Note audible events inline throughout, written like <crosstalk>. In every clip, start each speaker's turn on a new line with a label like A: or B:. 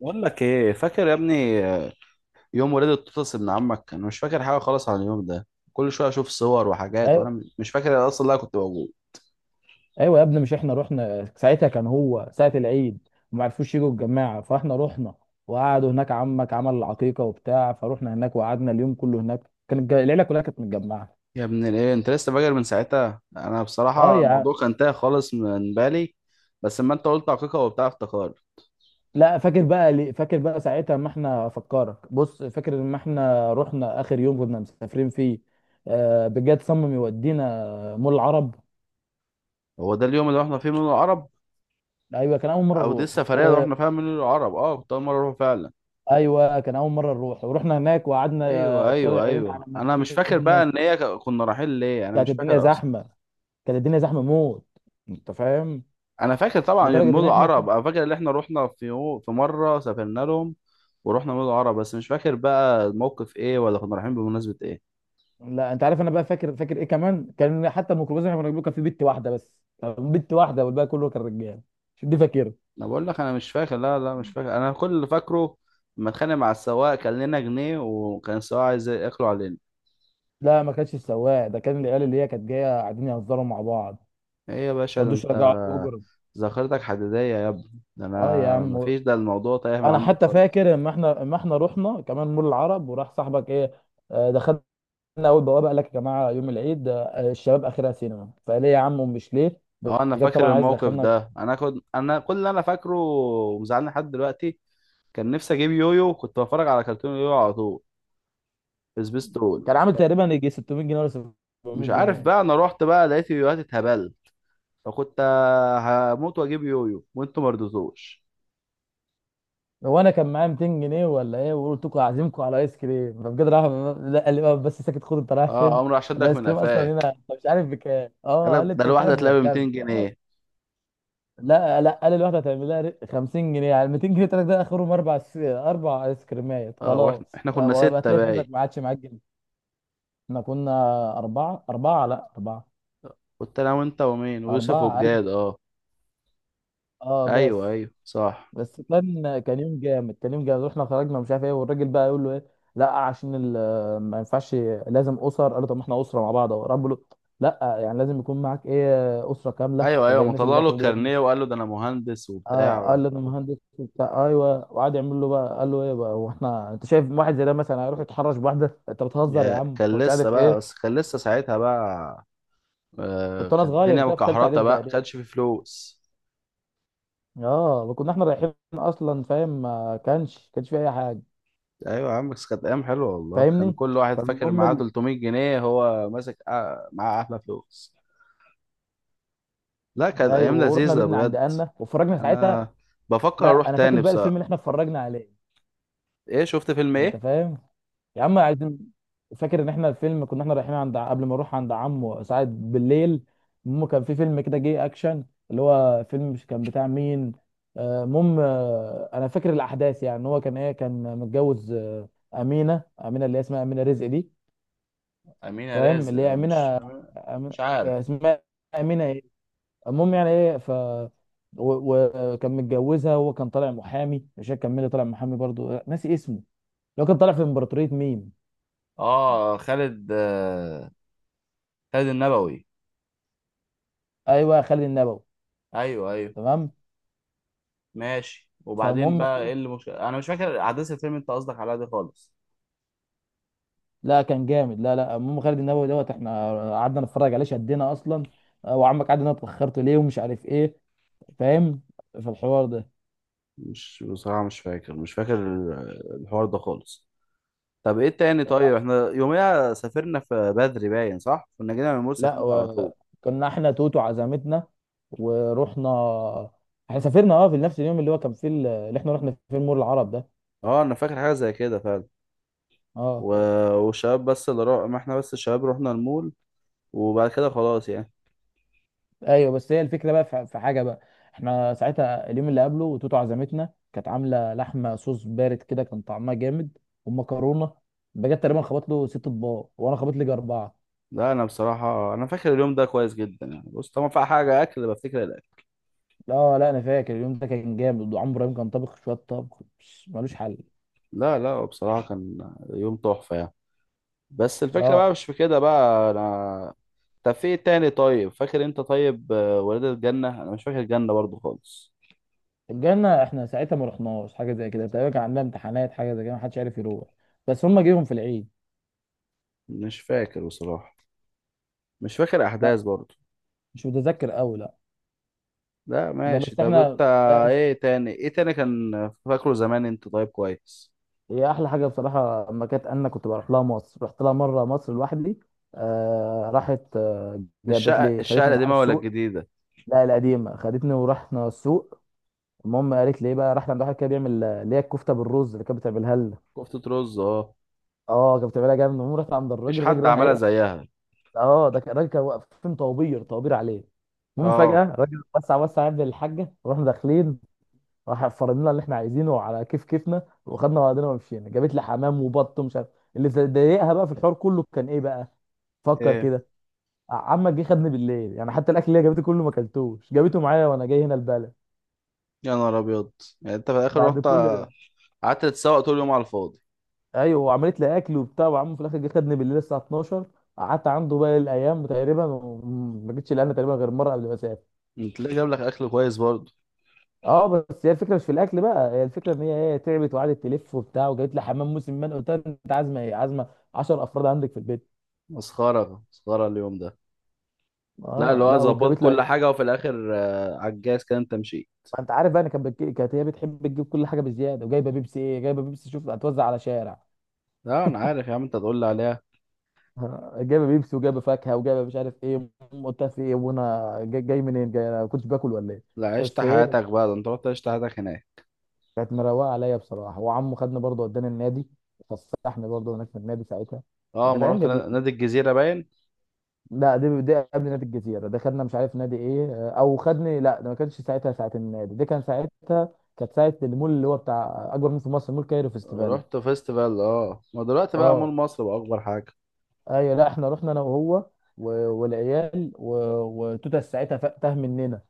A: بقول لك ايه فاكر يا ابني؟ يوم ولادة توتس ابن عمك، انا مش فاكر حاجه خالص عن اليوم ده. كل شويه اشوف صور وحاجات
B: ايوه
A: وانا مش فاكر اصلا لا كنت موجود.
B: ايوه يا ابني، مش احنا رحنا ساعتها؟ كان هو ساعه العيد وما عرفوش يجوا الجماعه فاحنا رحنا وقعدوا هناك. عمك عمل العقيقه وبتاع فروحنا هناك وقعدنا اليوم كله هناك، كانت العيله كلها كانت متجمعه.
A: يا ابن الايه، انت لسه فاكر من ساعتها؟ انا
B: اه
A: بصراحه
B: يا عم.
A: الموضوع كان تايه خالص من بالي، بس اما انت قلت عقيقه وبتاع افتكار.
B: لا فاكر بقى، فاكر بقى ساعتها، ما احنا افكرك، بص فاكر لما احنا رحنا اخر يوم كنا مسافرين فيه؟ آه بجد، صمم يودينا مول العرب.
A: هو ده اليوم اللي رحنا فيه من العرب؟
B: ايوه كان اول مره
A: او دي
B: نروح.
A: السفريه اللي رحنا فيها من العرب. اه، كنت اول مره اروح فعلا.
B: وايوه كان اول مره نروح، ورحنا هناك وقعدنا،
A: ايوه،
B: طلع
A: ايوه،
B: عينينا على
A: ايوه، انا مش فاكر بقى
B: مركبنا.
A: ان هي كنا رايحين ليه. انا
B: كانت
A: مش فاكر.
B: الدنيا زحمه. كانت الدنيا زحمه موت. انت فاهم؟
A: انا فاكر طبعا
B: لدرجه ان
A: مول
B: احنا
A: العرب. انا فاكر ان احنا رحنا في في مره سافرنا لهم ورحنا مول العرب، بس مش فاكر بقى الموقف ايه، ولا كنا رايحين بمناسبه ايه.
B: لا انت عارف، انا بقى فاكر ايه كمان؟ كان حتى الميكروباص اللي احنا كنا بنركبه كان فيه بت واحده بس، بت واحده والباقي كله كان رجاله. مش دي فاكر؟
A: انا بقول لك انا مش فاكر. لا، لا، مش فاكر. انا كل اللي فاكره لما اتخانق مع السواق، كان لنا جنيه وكان السواق عايز ياكله علينا.
B: لا، ما كانش السواق ده، كان العيال اللي هي كانت جايه قاعدين يهزروا مع بعض،
A: ايه يا
B: ما
A: باشا؟ ده
B: رضوش
A: انت
B: يرجعوا الاجر.
A: ذاكرتك حديديه يا ابني. ده
B: اه يا
A: انا
B: عم.
A: مفيش، ده الموضوع تايه من
B: انا
A: عندك
B: حتى
A: خالص.
B: فاكر اما احنا رحنا كمان مول العرب وراح صاحبك ايه، دخلنا اول بوابه، قال لك يا جماعه يوم العيد، الشباب اخرها سينما. فقال ليه يا عم، مش ليه
A: اه، انا
B: بجد طبعا،
A: فاكر
B: عايز
A: الموقف
B: يدخلنا.
A: ده. انا كنت، انا كل اللي انا فاكره ومزعلني لحد دلوقتي، كان نفسي اجيب يويو. كنت بتفرج على كرتون يويو على طول، سبيستون.
B: كان عامل تقريبا يجي 600 جنيه ولا 700
A: مش عارف
B: جنيه
A: بقى، انا رحت بقى لقيت يويوهات اتهبل، فكنت هموت واجيب يويو وانتوا ما رضيتوش.
B: هو انا كان معايا 200 جنيه ولا ايه، وقلت لكم اعزمكم على ايس كريم فبجد راح. لا قال لي بقى، بس ساكت، خد انت رايح
A: اه،
B: فين؟
A: قام راح شدك
B: الايس
A: من
B: كريم اصلا هنا
A: قفاك.
B: انت مش عارف بكام؟
A: قال
B: اه، قال
A: لك
B: لي
A: ده
B: انت مش
A: الواحده
B: عارف هو
A: هتلاقي ب
B: بكام؟
A: 200 جنيه
B: لا لا، قال لي الواحده هتعمل لها 50 جنيه، يعني 200 جنيه تلاتة ده اخرهم، اربع ايس كريمات
A: اه، واحنا
B: خلاص،
A: كنا
B: ويبقى
A: سته
B: تلاقي فلوسك
A: باي.
B: ما عادش معاك جنيه. احنا كنا اربعه اربعه لا اربعه.
A: كنت انا وانت ومين، ويوسف،
B: اربعه الف.
A: وبجاد. اه،
B: اه بس.
A: ايوه، ايوه، صح.
B: بس كان يوم جامد، كان يوم جامد. واحنا خرجنا، مش عارف ايه، والراجل بقى يقول له ايه؟ لا عشان ما ينفعش، لازم اسر. قال له طب ما احنا اسره مع بعض اهو، رب له. لا يعني لازم يكون معاك ايه، اسره كامله
A: ايوه، ايوه،
B: زي
A: ما
B: الناس اللي
A: طلع له
B: داخله دي.
A: الكارنيه وقال له ده انا مهندس
B: آه
A: وبتاع.
B: قال له انا مهندس وبتاع. ايوه وقعد يعمل له بقى، قال له ايه بقى، هو احنا، انت شايف واحد زي ده مثلا هيروح يتحرش بواحده؟ انت بتهزر يا
A: يا
B: عم،
A: كان
B: ومش
A: لسه
B: عارف
A: بقى،
B: ايه.
A: بس كان لسه ساعتها بقى آه،
B: كنت انا
A: كانت
B: صغير
A: الدنيا
B: كده في ثالثه
A: مكحرته
B: اعدادي
A: بقى،
B: تقريبا.
A: كانش في فلوس.
B: اه كنا احنا رايحين اصلا، فاهم؟ ما كانش، كانش في اي حاجه.
A: ايوه يا عم، بس كانت ايام حلوه والله. كان
B: فاهمني؟
A: كل واحد فاكر معاه
B: فالمهم،
A: 300 جنيه هو ماسك، معاه احلى فلوس. لا، كانت
B: ايوه
A: ايام
B: ورحنا
A: لذيذه
B: بيتنا عند
A: بجد.
B: انا، واتفرجنا ساعتها.
A: انا بفكر اروح
B: لا انا فاكر
A: تاني
B: بقى الفيلم
A: بصراحه.
B: اللي احنا اتفرجنا عليه.
A: ايه؟ شفت فيلم
B: انت
A: ايه؟
B: فاهم؟ يا عم عايزين. فاكر ان احنا الفيلم، كنا احنا رايحين عند قبل ما نروح عند عمو، ساعات بالليل. المهم كان في فيلم كده جه اكشن، اللي هو فيلم مش كان بتاع مين، المهم. انا فاكر الاحداث، يعني إن هو كان ايه، كان متجوز، امينه، اللي هي اسمها امينه رزق دي.
A: امينه
B: فاهم؟
A: رزق؟
B: اللي هي
A: مش...
B: امينه. أم...
A: مش عارف.
B: اسمها امينه إيه؟ المهم يعني ايه، وكان متجوزها. هو كان طالع محامي، مش فاكر كان مين اللي طالع محامي، برضو ناسي اسمه. اللي هو كان طالع في امبراطورية ميم.
A: اه، خالد، خالد النبوي.
B: ايوه خالد النبوي.
A: ايوه، ايوه.
B: تمام.
A: ماشي، وبعدين
B: فالمهم،
A: بقى ايه؟ اللي مش، انا مش فاكر احداث الفيلم. انت قصدك على دي خالص؟
B: لا كان جامد، لا لا، المهم خالد النبوي دوت، احنا قعدنا نتفرج عليه شدينا اصلا. وعمك قعد انا اتاخرت ليه ومش عارف ايه. فاهم؟ في الحوار ده.
A: مش بصراحه، مش فاكر الحوار ده خالص. طب ايه التاني؟ طيب، احنا يوميها سافرنا في بدري باين صح. كنا جينا من المول،
B: لا
A: سافرنا
B: و...
A: على طول.
B: كنا احنا توتو عزمتنا ورحنا. احنا سافرنا اه في نفس اليوم اللي هو كان فيه اللي احنا رحنا فيه المول العرب ده.
A: اه، انا فاكر حاجه زي كده فعلا. و...
B: اه.
A: والشباب بس اللي ما احنا بس الشباب رحنا المول، وبعد كده خلاص يعني.
B: ايوه بس هي الفكره بقى، في حاجه بقى. احنا ساعتها اليوم اللي قبله توتو عزمتنا كانت عامله لحمه صوص بارد كده، كان طعمها جامد. ومكرونه، بجد تقريبا خبط له ست اطباق وانا خبط لي اربعه.
A: لا، انا بصراحه انا فاكر اليوم ده كويس جدا يعني. بص، طبعا في حاجه اكل، بفتكر الاكل.
B: لا لا انا فاكر اليوم ده كان جامد، وعمرو ابراهيم كان طابخ شويه طبخ بس ملوش حل.
A: لا، لا، بصراحه كان يوم تحفه يعني، بس الفكره بقى
B: اه.
A: مش في كده بقى انا. طب في ايه تاني؟ طيب فاكر انت؟ طيب ولاد الجنه، انا مش فاكر الجنه برضو خالص.
B: الجنه احنا ساعتها ما رحناش حاجه زي كده تقريبا، كان عندنا امتحانات حاجه زي كده، ما حدش عارف يروح، بس هم جيهم في العيد.
A: مش فاكر بصراحه. مش فاكر
B: لا
A: احداث برضو.
B: مش متذكر قوي، لا.
A: لا،
B: ده
A: ماشي.
B: بس
A: طب انت؟
B: احنا ده.
A: ايه تاني كان فاكره زمان انت؟ طيب، كويس.
B: هي احلى حاجه بصراحه اما كانت، انا كنت بروح لها مصر، رحت لها مره مصر لوحدي، آه راحت آه جابت
A: الشقة
B: لي،
A: الشقة
B: خدتني معاها
A: القديمة ولا
B: السوق.
A: الجديدة؟
B: لا القديمه، خدتني ورحنا السوق. المهم قالت لي ايه بقى، رحنا عند واحد كده بيعمل، اللي هي الكفته بالرز اللي كانت بتعملها لنا.
A: كفتة رز، اه.
B: اه كانت بتعملها جامد. المهم رحت عند الراجل،
A: مفيش
B: الراجل
A: حد
B: راح
A: عملها
B: ايه.
A: زيها.
B: اه الراجل كان واقفين طوابير طوابير عليه. المهم فجاه
A: اه.
B: الراجل وسع وسع عند الحاجه ورحنا داخلين. راح فرض لنا اللي احنا عايزينه على كيف كيفنا، وخدنا بعضنا ومشينا، جابت لي حمام وبط ومش عارف. اللي ضايقها بقى في الحوار كله كان ايه بقى؟ فكر
A: ايه؟
B: كده. عمك جه خدني بالليل، يعني حتى الاكل اللي هي جابته كله ما اكلتوش، جابته معايا وانا جاي هنا البلد.
A: يا نهار ابيض. يعني انت في الاخر
B: بعد
A: رحت،
B: كل ده.
A: قعدت تتسوق طول اليوم على الفاضي؟
B: ايوه وعملت لي اكل وبتاع، وعمه في الاخر جه خدني بالليل الساعه 12. قعدت عنده باقي الايام تقريبا، وما جيتش لأنا تقريبا غير مره قبل ما اسافر.
A: انت ليه جاب لك اكل كويس برضه؟
B: اه بس هي الفكره مش في الاكل بقى، هي الفكره ان هي ايه، تعبت وقعدت تلف وبتاع، وجابت لي حمام موسم. من قلت لها انت عازمه ايه؟ عازمه 10 افراد عندك في البيت.
A: مسخرة، مسخرة اليوم ده. لا، اللي
B: اه
A: هو
B: لا
A: ظبط
B: وجابت
A: كل
B: لها.
A: حاجة، وفي الاخر على الجاز كده انت مشيت.
B: ما انت عارف بقى ان كانت هي بتحب تجيب كل حاجه بزياده، وجايبه بيبسي ايه، جايبه بيبسي شوف هتوزع على شارع.
A: لا، انا عارف يا عم، انت تقول لي عليها.
B: <laughs> جايبه بيبسي، وجايبه فاكهه، وجايبه مش عارف ايه. قلت لها في ايه وانا جاي, جاي منين، انا ما كنتش باكل ولا ايه؟
A: لا، عشت
B: بس ايه،
A: حياتك بقى. ده انت رحت عشت حياتك هناك.
B: كانت مروقه عليا بصراحه، وعمه خدني برضه وداني النادي، فسحني برضه هناك في النادي ساعتها.
A: اه،
B: كانت
A: ما
B: ايام
A: رحت
B: جميله.
A: نادي الجزيرة باين.
B: لا، دي قبل نادي الجزيره، ده خدنا مش عارف نادي ايه، او خدني لا ده ما كانش ساعتها ساعه النادي دي، كان ساعتها كانت ساعه المول، اللي هو بتاع اكبر مول في مصر، مول كايرو فيستيفال.
A: رحت فيستيفال. اه، ما دلوقتي بقى مول
B: اه.
A: مصر بقى اكبر حاجه.
B: ايوه لا احنا رحنا انا وهو، والعيال وتوتة ساعتها تاه مننا.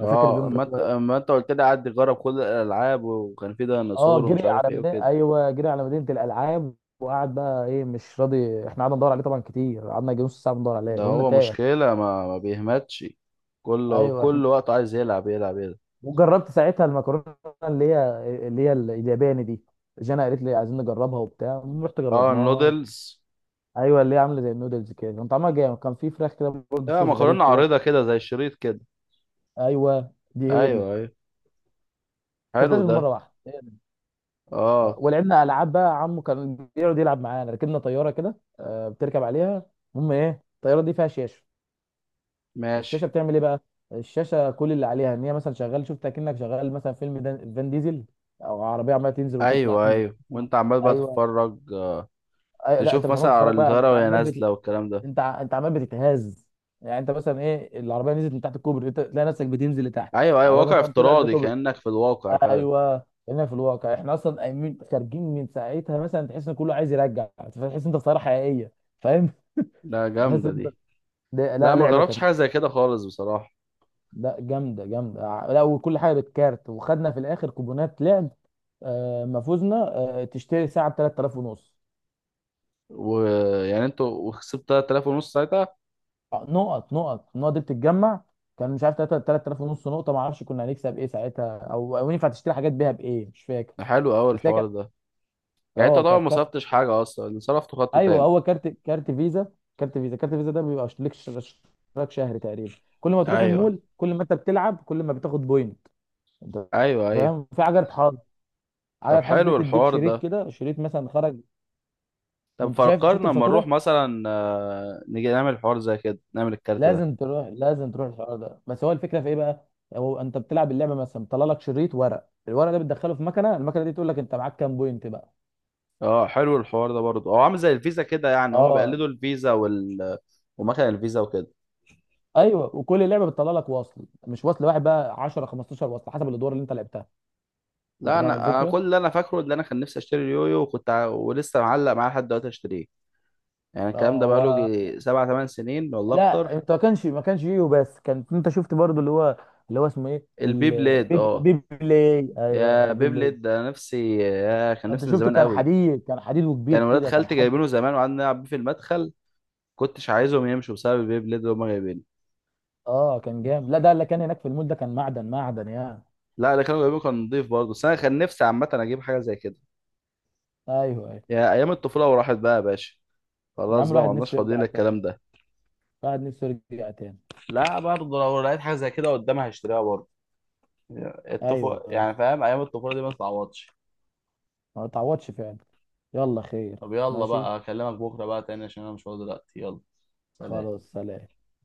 B: انا فاكر اليوم ده
A: ما انت
B: كويس.
A: ما انت قلت لي قعد يجرب كل الالعاب، وكان في
B: اه
A: ديناصور ومش
B: جري
A: عارف
B: على
A: ايه
B: مدينه،
A: وكده.
B: ايوه جري على مدينه الالعاب، وقعد بقى ايه مش راضي، احنا قعدنا ندور عليه طبعا كتير، قعدنا يجي نص ساعه بندور
A: ده
B: عليه، قلنا
A: هو
B: تاه.
A: مشكله، ما بيهمتش. كل
B: ايوه احنا،
A: كل وقت عايز يلعب يلعب يلعب.
B: وجربت ساعتها المكرونه، اللي هي اللي هي الياباني دي. جانا قالت لي عايزين نجربها وبتاع، رحت
A: اه،
B: جربناها.
A: النودلز.
B: ايوه اللي هي عامله زي النودلز كده، كان طعمها جامد، كان في فراخ كده برضه،
A: اه،
B: صوص غريب
A: مكرونه
B: كده.
A: عريضه كده زي الشريط كده.
B: ايوه دي هي دي.
A: ايوه، ايوه، حلو
B: كلتهاش غير
A: ده.
B: مره واحده.
A: اه،
B: ولعبنا العاب بقى، عمو كان بيقعد يلعب معانا، ركبنا طياره كده، بتركب عليها. المهم ايه، الطياره دي فيها شاشه. الشاشه
A: ماشي.
B: بتعمل ايه بقى؟ الشاشه كل اللي عليها ان هي مثلا شغال، شفت اكنك شغال مثلا فيلم فان ديزل، او عربيه عماله تنزل وتطلع،
A: ايوه،
B: تنزل
A: ايوه،
B: وتطلع.
A: وانت عمال بقى
B: ايوه.
A: تتفرج
B: لا انت
A: تشوف
B: مش
A: مثلا
B: عمال
A: على
B: تتفرج بقى،
A: الطياره
B: انت
A: وهي
B: عمال
A: نازله والكلام ده؟
B: انت عمال بتتهز. يعني انت مثلا ايه، العربيه نزلت من تحت الكوبري، انت تلاقي نفسك بتنزل لتحت.
A: ايوه، ايوه،
B: العربيه
A: واقع
B: مثلا طلعت
A: افتراضي،
B: لكوبري.
A: كانك في الواقع فعلا.
B: ايوه هنا في الواقع، احنا اصلا قايمين خارجين من ساعتها، مثلا تحس ان كله عايز يرجع، فتحس انت خساره حقيقيه. فاهم؟ <laughs>
A: لا،
B: تحس
A: جامده
B: انت.
A: دي. لا،
B: لا
A: ما
B: لعبه
A: جربتش
B: كانت.
A: حاجه زي كده خالص بصراحه.
B: لا جامده جامده لا، وكل حاجه بالكارت، وخدنا في الاخر كوبونات لعب. ما فوزنا. تشتري ساعه ب 3000 ونص.
A: ويعني انتوا وكسبت 3000 ونص ساعتها؟
B: نقط، النقط دي بتتجمع. كان مش عارف 3000 ونص نقطه، ما اعرفش كنا هنكسب ايه ساعتها، او او ينفع تشتري حاجات بيها بايه، مش فاكر.
A: حلو قوي
B: بس هي
A: الحوار
B: كانت،
A: ده. يعني انت
B: اه
A: طبعا
B: كانت.
A: ما صرفتش حاجه اصلا، اللي صرفته خدته
B: ايوه
A: تاني.
B: هو كارت، كارت فيزا. كارت فيزا ده بيبقى ليك اشتراك شهري تقريبا، كل ما تروح
A: ايوه،
B: المول، كل ما انت بتلعب، كل ما بتاخد بوينت. انت
A: ايوه، ايوه.
B: فاهم؟ في عجله حظ،
A: طب
B: عجله حظ دي
A: حلو
B: بتديك
A: الحوار
B: شريط
A: ده.
B: كده، شريط مثلا خرج.
A: طب
B: ما انت شايف، شفت
A: فكرنا اما نروح
B: الفاتوره.
A: مثلا، نيجي نعمل حوار زي كده، نعمل الكارت ده.
B: لازم تروح، لازم تروح الحوار ده. بس هو الفكره في ايه بقى، هو انت بتلعب اللعبه مثلا، طلع لك شريط ورق، الورق ده بتدخله في مكنه، المكنه دي تقول لك انت معاك كام بوينت بقى.
A: اه، حلو الحوار ده برضه. هو عامل زي الفيزا كده يعني، هما
B: اه.
A: بيقلدوا الفيزا ومكان الفيزا وكده.
B: ايوه، وكل لعبه بتطلع لك وصل، مش وصل واحد بقى، 10 15 وصل حسب الادوار اللي انت لعبتها. انت
A: لا،
B: فاهم
A: انا كل
B: الفكره.
A: اللي انا فاكره، اللي انا كان نفسي اشتري اليويو، وكنت ولسه معلق معاه لحد دلوقتي اشتريه. يعني
B: اه
A: الكلام ده بقاله
B: هو.
A: 7 8 سنين والله
B: لا
A: اكتر.
B: انت ما كانش فيه، بس كان انت شفت برضو اللي هو، اللي هو اسمه ايه،
A: البي بليد،
B: البيب
A: اه.
B: بيبلي، ايوه
A: يا بي
B: البيبلي.
A: بليد ده، نفسي، يا كان
B: انت
A: نفسي من
B: شفته
A: زمان
B: كان
A: قوي.
B: حديد، كان حديد وكبير
A: كان ولاد
B: كده، كان
A: خالتي
B: حجم.
A: جايبينه زمان، وقعدنا نلعب بيه في المدخل. كنتش عايزهم يمشوا بسبب البي بليد اللي هم جايبينه.
B: اه كان جامد، لا ده اللي كان هناك في المول ده كان معدن معدن يعني.
A: لا، اللي كانوا جايبينه كان نضيف برضه، بس انا كان نفسي عامه اجيب حاجه زي كده.
B: ايوه ايوه.
A: يا ايام الطفوله، وراحت بقى يا باشا.
B: يا
A: خلاص
B: عم
A: بقى، ما
B: الواحد
A: عدناش
B: نفسه
A: فاضيين
B: يرجع تاني.
A: للكلام ده.
B: الواحد نفسه يرجع تاني.
A: لا برضه، لو لقيت حاجه زي كده قدامها هشتريها برضه.
B: ايوه
A: الطفوله
B: ايوه.
A: يعني، فاهم، ايام الطفوله دي ما تتعوضش.
B: ما تعوضش فعلا. يلا خير.
A: طب يلا
B: ماشي.
A: بقى، اكلمك بكره بقى تاني، عشان انا مش فاضي دلوقتي. يلا، سلام.
B: خلاص سلام.